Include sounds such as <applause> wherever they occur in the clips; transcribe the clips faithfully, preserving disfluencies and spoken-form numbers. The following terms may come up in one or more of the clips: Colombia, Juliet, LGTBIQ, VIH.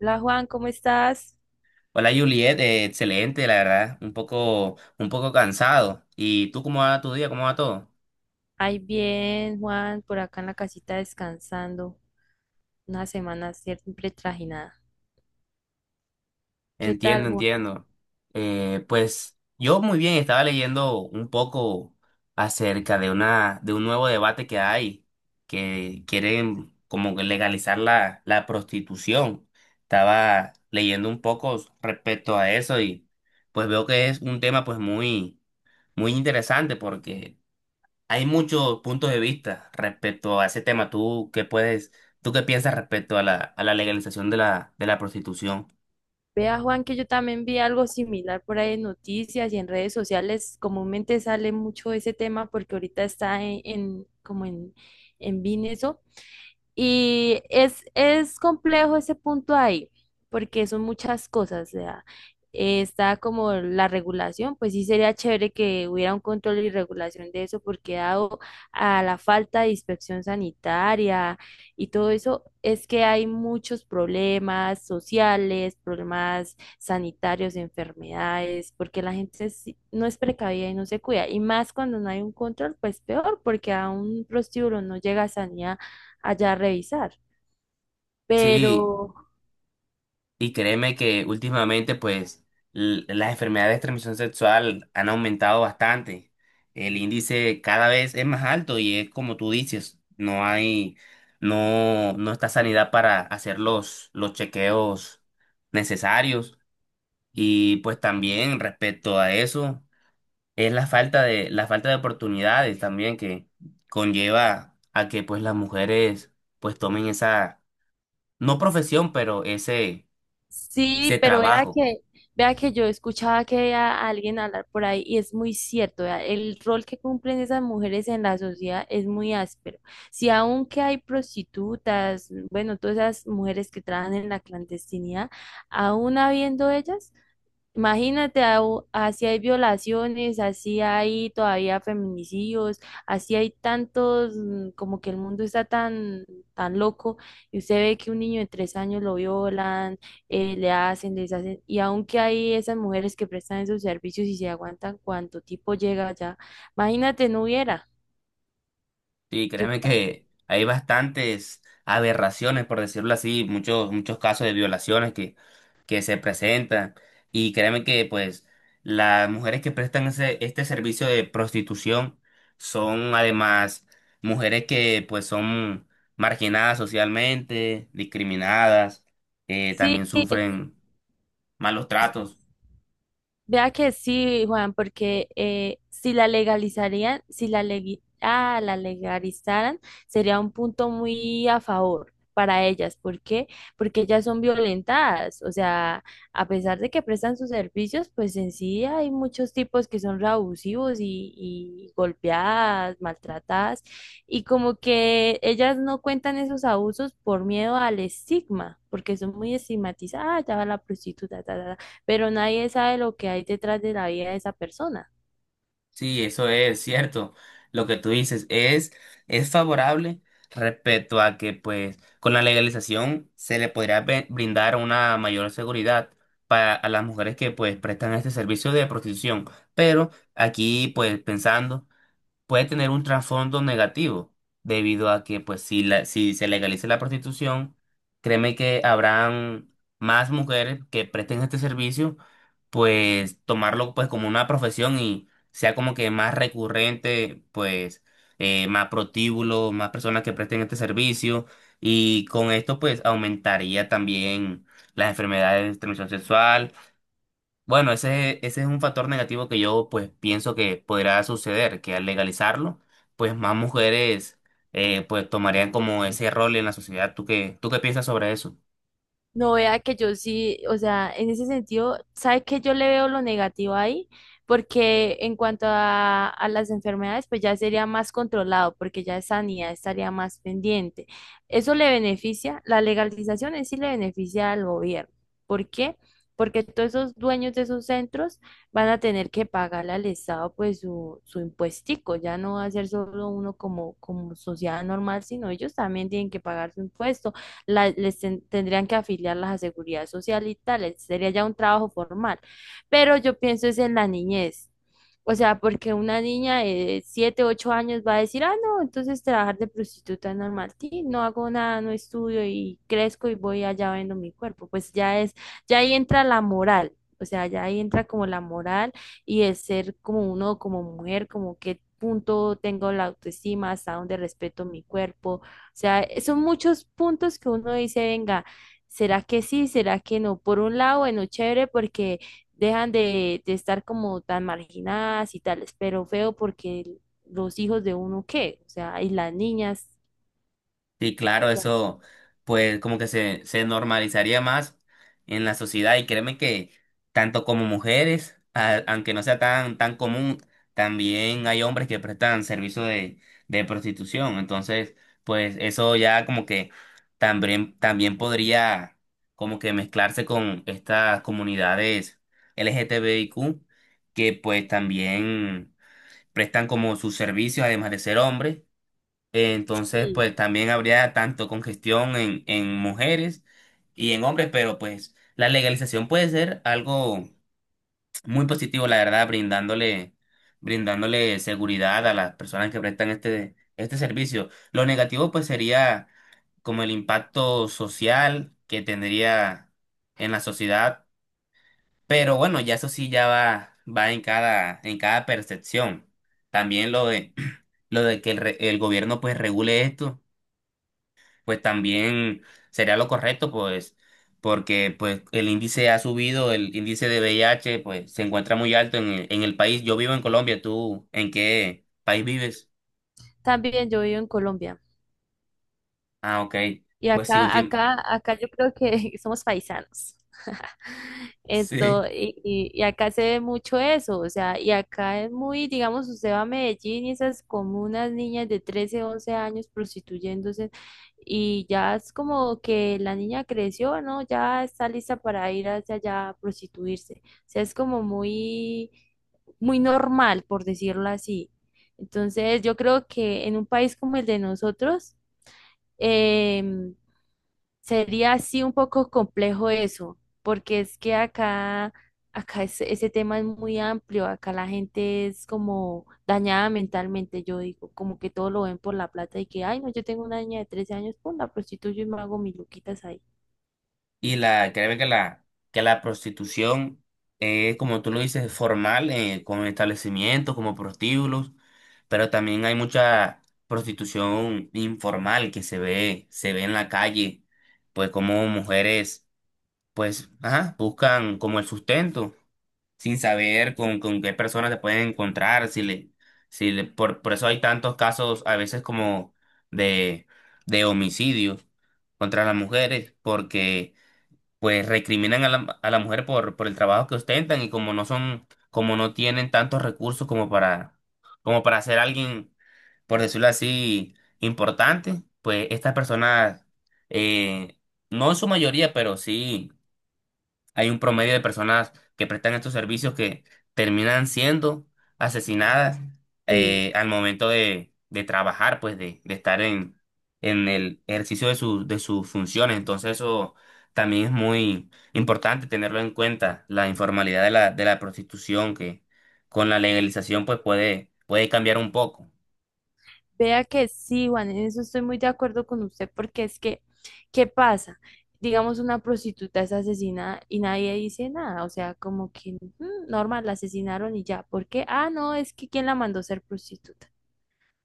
Hola Juan, ¿cómo estás? Hola Juliet, eh, excelente, la verdad, un poco, un poco cansado. ¿Y tú cómo va tu día? ¿Cómo va todo? Ay, bien, Juan, por acá en la casita descansando. Una semana siempre trajinada. ¿Qué tal, Entiendo, Juan? entiendo. Eh, pues yo muy bien, estaba leyendo un poco acerca de una, de un nuevo debate que hay, que quieren como que legalizar la, la prostitución. Estaba leyendo un poco respecto a eso y pues veo que es un tema pues muy, muy interesante porque hay muchos puntos de vista respecto a ese tema. ¿Tú qué puedes, tú qué piensas respecto a la, a la legalización de la, de la prostitución? Vea, Juan, que yo también vi algo similar por ahí en noticias y en redes sociales. Comúnmente sale mucho ese tema porque ahorita está en, en- como en, en V I N eso. Y es, es complejo ese punto ahí, porque son muchas cosas. O sea, eh, está como la regulación, pues sí sería chévere que hubiera un control y regulación de eso, porque dado a la falta de inspección sanitaria y todo eso, es que hay muchos problemas sociales, problemas sanitarios, enfermedades, porque la gente sí- no es precavida y no se cuida. Y más cuando no hay un control, pues peor, porque a un prostíbulo no llega sanidad allá a revisar. Pero Sí, y créeme que últimamente, pues, l- las enfermedades de transmisión sexual han aumentado bastante. El índice cada vez es más alto y es como tú dices, no hay, no, no está sanidad para hacer los, los chequeos necesarios. Y pues también respecto a eso, es la falta de, la falta de oportunidades también que conlleva a que pues las mujeres pues tomen esa, no profesión, pero ese, sí, ese pero vea trabajo. que, vea que yo escuchaba que a alguien hablar por ahí y es muy cierto, vea, el rol que cumplen esas mujeres en la sociedad es muy áspero. Si aunque hay prostitutas, bueno, todas esas mujeres que trabajan en la clandestinidad, aún habiendo ellas, imagínate, au- así hay violaciones, así hay todavía feminicidios, así hay tantos, mm, como que el mundo está tan, tan loco y usted ve que un niño de tres años lo violan, eh, le hacen, les hacen, y aunque hay esas mujeres que prestan esos servicios y se aguantan cuánto tipo llega allá, imagínate, no hubiera. Sí, Yo, créeme que hay bastantes aberraciones, por decirlo así, muchos, muchos casos de violaciones que, que se presentan. Y créeme que, pues, las mujeres que prestan ese, este servicio de prostitución son además mujeres que, pues, son marginadas socialmente, discriminadas, eh, sí, también sufren malos tratos. vea que sí, Juan, porque eh, si la legalizarían, si la, legui- ah, la legalizaran, sería un punto muy a favor para ellas. ¿Por qué? Porque ellas son violentadas. O sea, a pesar de que prestan sus servicios, pues en sí hay muchos tipos que son re abusivos y, y golpeadas, maltratadas. Y como que ellas no cuentan esos abusos por miedo al estigma, porque son muy estigmatizadas. Ah, ya va la prostituta, ta, ta, ta, pero nadie sabe lo que hay detrás de la vida de esa persona. Sí, eso es cierto. Lo que tú dices es, es favorable respecto a que, pues, con la legalización se le podría be- brindar una mayor seguridad para a las mujeres que, pues, prestan este servicio de prostitución. Pero aquí, pues, pensando, puede tener un trasfondo negativo, debido a que, pues, si, la, si se legaliza la prostitución, créeme que habrán más mujeres que presten este servicio, pues, tomarlo, pues, como una profesión y sea como que más recurrente, pues, eh, más protíbulos, más personas que presten este servicio, y con esto, pues, aumentaría también las enfermedades de transmisión sexual. Bueno, ese, ese es un factor negativo que yo pues pienso que podrá suceder, que al legalizarlo, pues más mujeres eh, pues tomarían como ese rol en la sociedad. ¿Tú qué, tú qué piensas sobre eso? No vea que yo sí, o sea, en ese sentido, ¿sabe que yo le veo lo negativo ahí? Porque en cuanto a, a las enfermedades, pues ya sería más controlado, porque ya sanidad estaría más pendiente. Eso le beneficia, la legalización en sí le beneficia al gobierno. ¿Por qué? Porque todos esos dueños de esos centros van a tener que pagarle al Estado pues su, su impuestico. Ya no va a ser solo uno como, como sociedad normal, sino ellos también tienen que pagar su impuesto, la- les ten- tendrían que afiliarlas a seguridad social y tal, sería ya un trabajo formal. Pero yo pienso es en la niñez. O sea, porque una niña de siete ocho años va a decir, ah, no, entonces trabajar de prostituta es normal, sí, no hago nada, no estudio y crezco y voy allá vendo mi cuerpo. Pues ya es, ya ahí entra la moral, o sea, ya ahí entra como la moral y el ser como uno, como mujer, como qué punto tengo la autoestima, hasta dónde respeto mi cuerpo, o sea, eh, son muchos puntos que uno dice, venga, ¿será que sí? ¿Será que no? Por un lado, bueno, chévere porque dejan de, de estar como tan marginadas y tales, pero feo porque los hijos de uno, ¿qué? O sea, y las niñas. Sí, claro, eso pues como que se, se normalizaría más en la sociedad, y créeme que tanto como mujeres, a- aunque no sea tan, tan común, también hay hombres que prestan servicio de, de prostitución. Entonces, pues eso ya como que también, también podría como que mezclarse con estas comunidades LGTBIQ que pues también prestan como sus servicios además de ser hombres. Entonces, Sí. pues también habría tanto congestión en, en mujeres y en hombres, pero pues la legalización puede ser algo muy positivo, la verdad, brindándole, brindándole seguridad a las personas que prestan este, este servicio. Lo negativo, pues, sería como el impacto social que tendría en la sociedad, pero bueno, ya eso sí ya va, va en cada, en cada percepción. También lo de, <clears throat> lo de que el, re- el gobierno pues regule esto, pues también sería lo correcto, pues, porque pues el índice ha subido, el índice de V I H, pues, se encuentra muy alto en el, en el país. Yo vivo en Colombia, ¿tú en qué país vives? También yo vivo en Colombia. Ah, ok. Y Pues sí, acá, último. acá, acá yo creo que <laughs> somos paisanos. <laughs> Esto, Sí. y, y- y acá se ve mucho eso, o sea, y acá es muy, digamos, usted va a Medellín y esas comunas niñas de trece once años prostituyéndose, y ya es como que la niña creció, ¿no? Ya está lista para ir hacia allá a prostituirse. O sea, es como muy, muy normal, por decirlo así. Entonces, yo creo que en un país como el de nosotros, em, sería así un poco complejo eso, porque es que acá, acá es- ese tema es muy amplio, acá la gente es como dañada mentalmente, yo digo, como que todo lo ven por la plata y que, ay, no, yo tengo una niña de trece años, pum, la prostituyo y me hago mis luquitas ahí. Y la, créeme que la, que la prostitución es, como tú lo dices, formal, eh, con establecimientos, como prostíbulos, pero también hay mucha prostitución informal que se ve, se ve en la calle, pues como mujeres, pues, ajá, buscan como el sustento, sin saber con, con qué personas se pueden encontrar, si le, si le, por, por eso hay tantos casos a veces como de, de homicidios contra las mujeres, porque pues recriminan a la, a la mujer por, por el trabajo que ostentan, y como no son, como no tienen tantos recursos como para, como para ser alguien, por decirlo así, importante, pues estas personas, eh, no en su mayoría, pero sí hay un promedio de personas que prestan estos servicios que terminan siendo asesinadas, Sí. eh, al momento de, de trabajar, pues de, de estar en, en el ejercicio de, su- de sus funciones. Entonces eso también es muy importante tenerlo en cuenta, la informalidad de la, de la prostitución que con la legalización pues puede, puede cambiar un poco. Vea que sí, Juan, en eso estoy muy de acuerdo con usted, porque es que, ¿qué pasa? Digamos, una prostituta es asesinada y nadie dice nada, o sea, como que mm, normal, la asesinaron y ya. ¿Por qué? Ah, no, es que ¿quién la mandó a ser prostituta?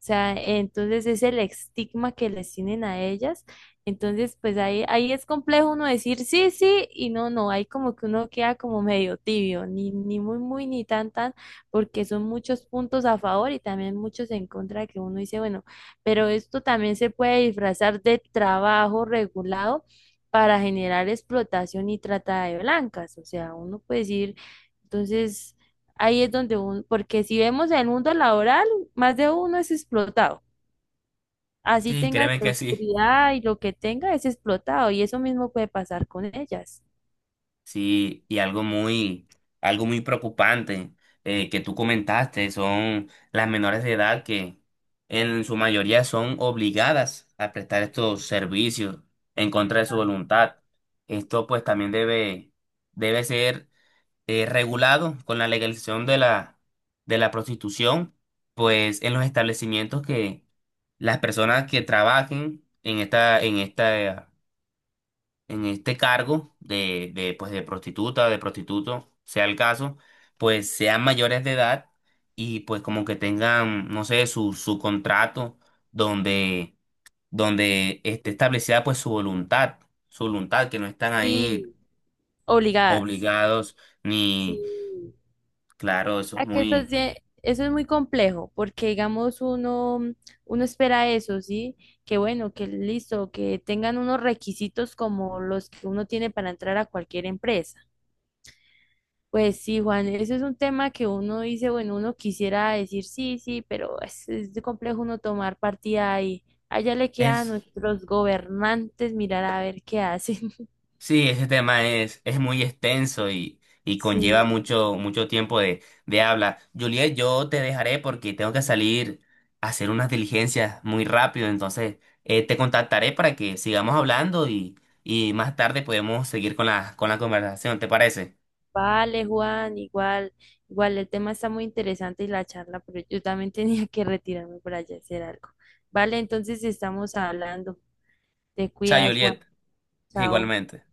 O sea, entonces es el estigma que les tienen a ellas. Entonces, pues ahí, ahí es complejo uno decir sí, sí y no, no. Hay como que uno queda como medio tibio, ni, ni muy, muy, ni tan, tan, porque son muchos puntos a favor y también muchos en contra que uno dice, bueno, pero esto también se puede disfrazar de trabajo regulado para generar explotación y trata de blancas. O sea, uno puede decir, entonces, ahí es donde uno, porque si vemos el mundo laboral, más de uno es explotado. Así Sí, tenga créeme que sí. seguridad y lo que tenga es explotado. Y eso mismo puede pasar con ellas. Sí, y algo muy, algo muy preocupante eh, que tú comentaste son las menores de edad que en su mayoría son obligadas a prestar estos servicios en contra de su voluntad. Esto pues también debe, debe ser eh, regulado con la legalización de la, de la prostitución, pues en los establecimientos que las personas que trabajen en esta, en esta en este cargo de, de, pues de prostituta, de prostituto, sea el caso, pues sean mayores de edad, y pues como que tengan, no sé, su, su contrato donde, donde esté establecida pues su voluntad, su voluntad, que no están ahí Sí, obligadas. obligados Sí, ni, claro, eso es a que eso, muy... se- eso es muy complejo, porque digamos uno, uno espera eso, ¿sí? Que bueno, que listo, que tengan unos requisitos como los que uno tiene para entrar a cualquier empresa. Pues sí, Juan, eso es un tema que uno dice, bueno, uno quisiera decir sí, sí, pero es, es de complejo uno tomar partida ahí. Allá le queda a Es, nuestros gobernantes mirar a ver qué hacen. <laughs> sí, ese tema es, es muy extenso y, y conlleva Sí, mucho, mucho tiempo de, de habla. Juliet, yo te dejaré porque tengo que salir a hacer unas diligencias muy rápido, entonces eh, te contactaré para que sigamos hablando, y, y más tarde podemos seguir con la, con la conversación, ¿te parece? vale, Juan, igual, igual el tema está muy interesante y la charla, pero yo también <laughs> tenía que retirarme para allá a hacer algo. Vale, entonces estamos hablando. Te Chao, cuidas, Juliet, Juan. Chao. igualmente.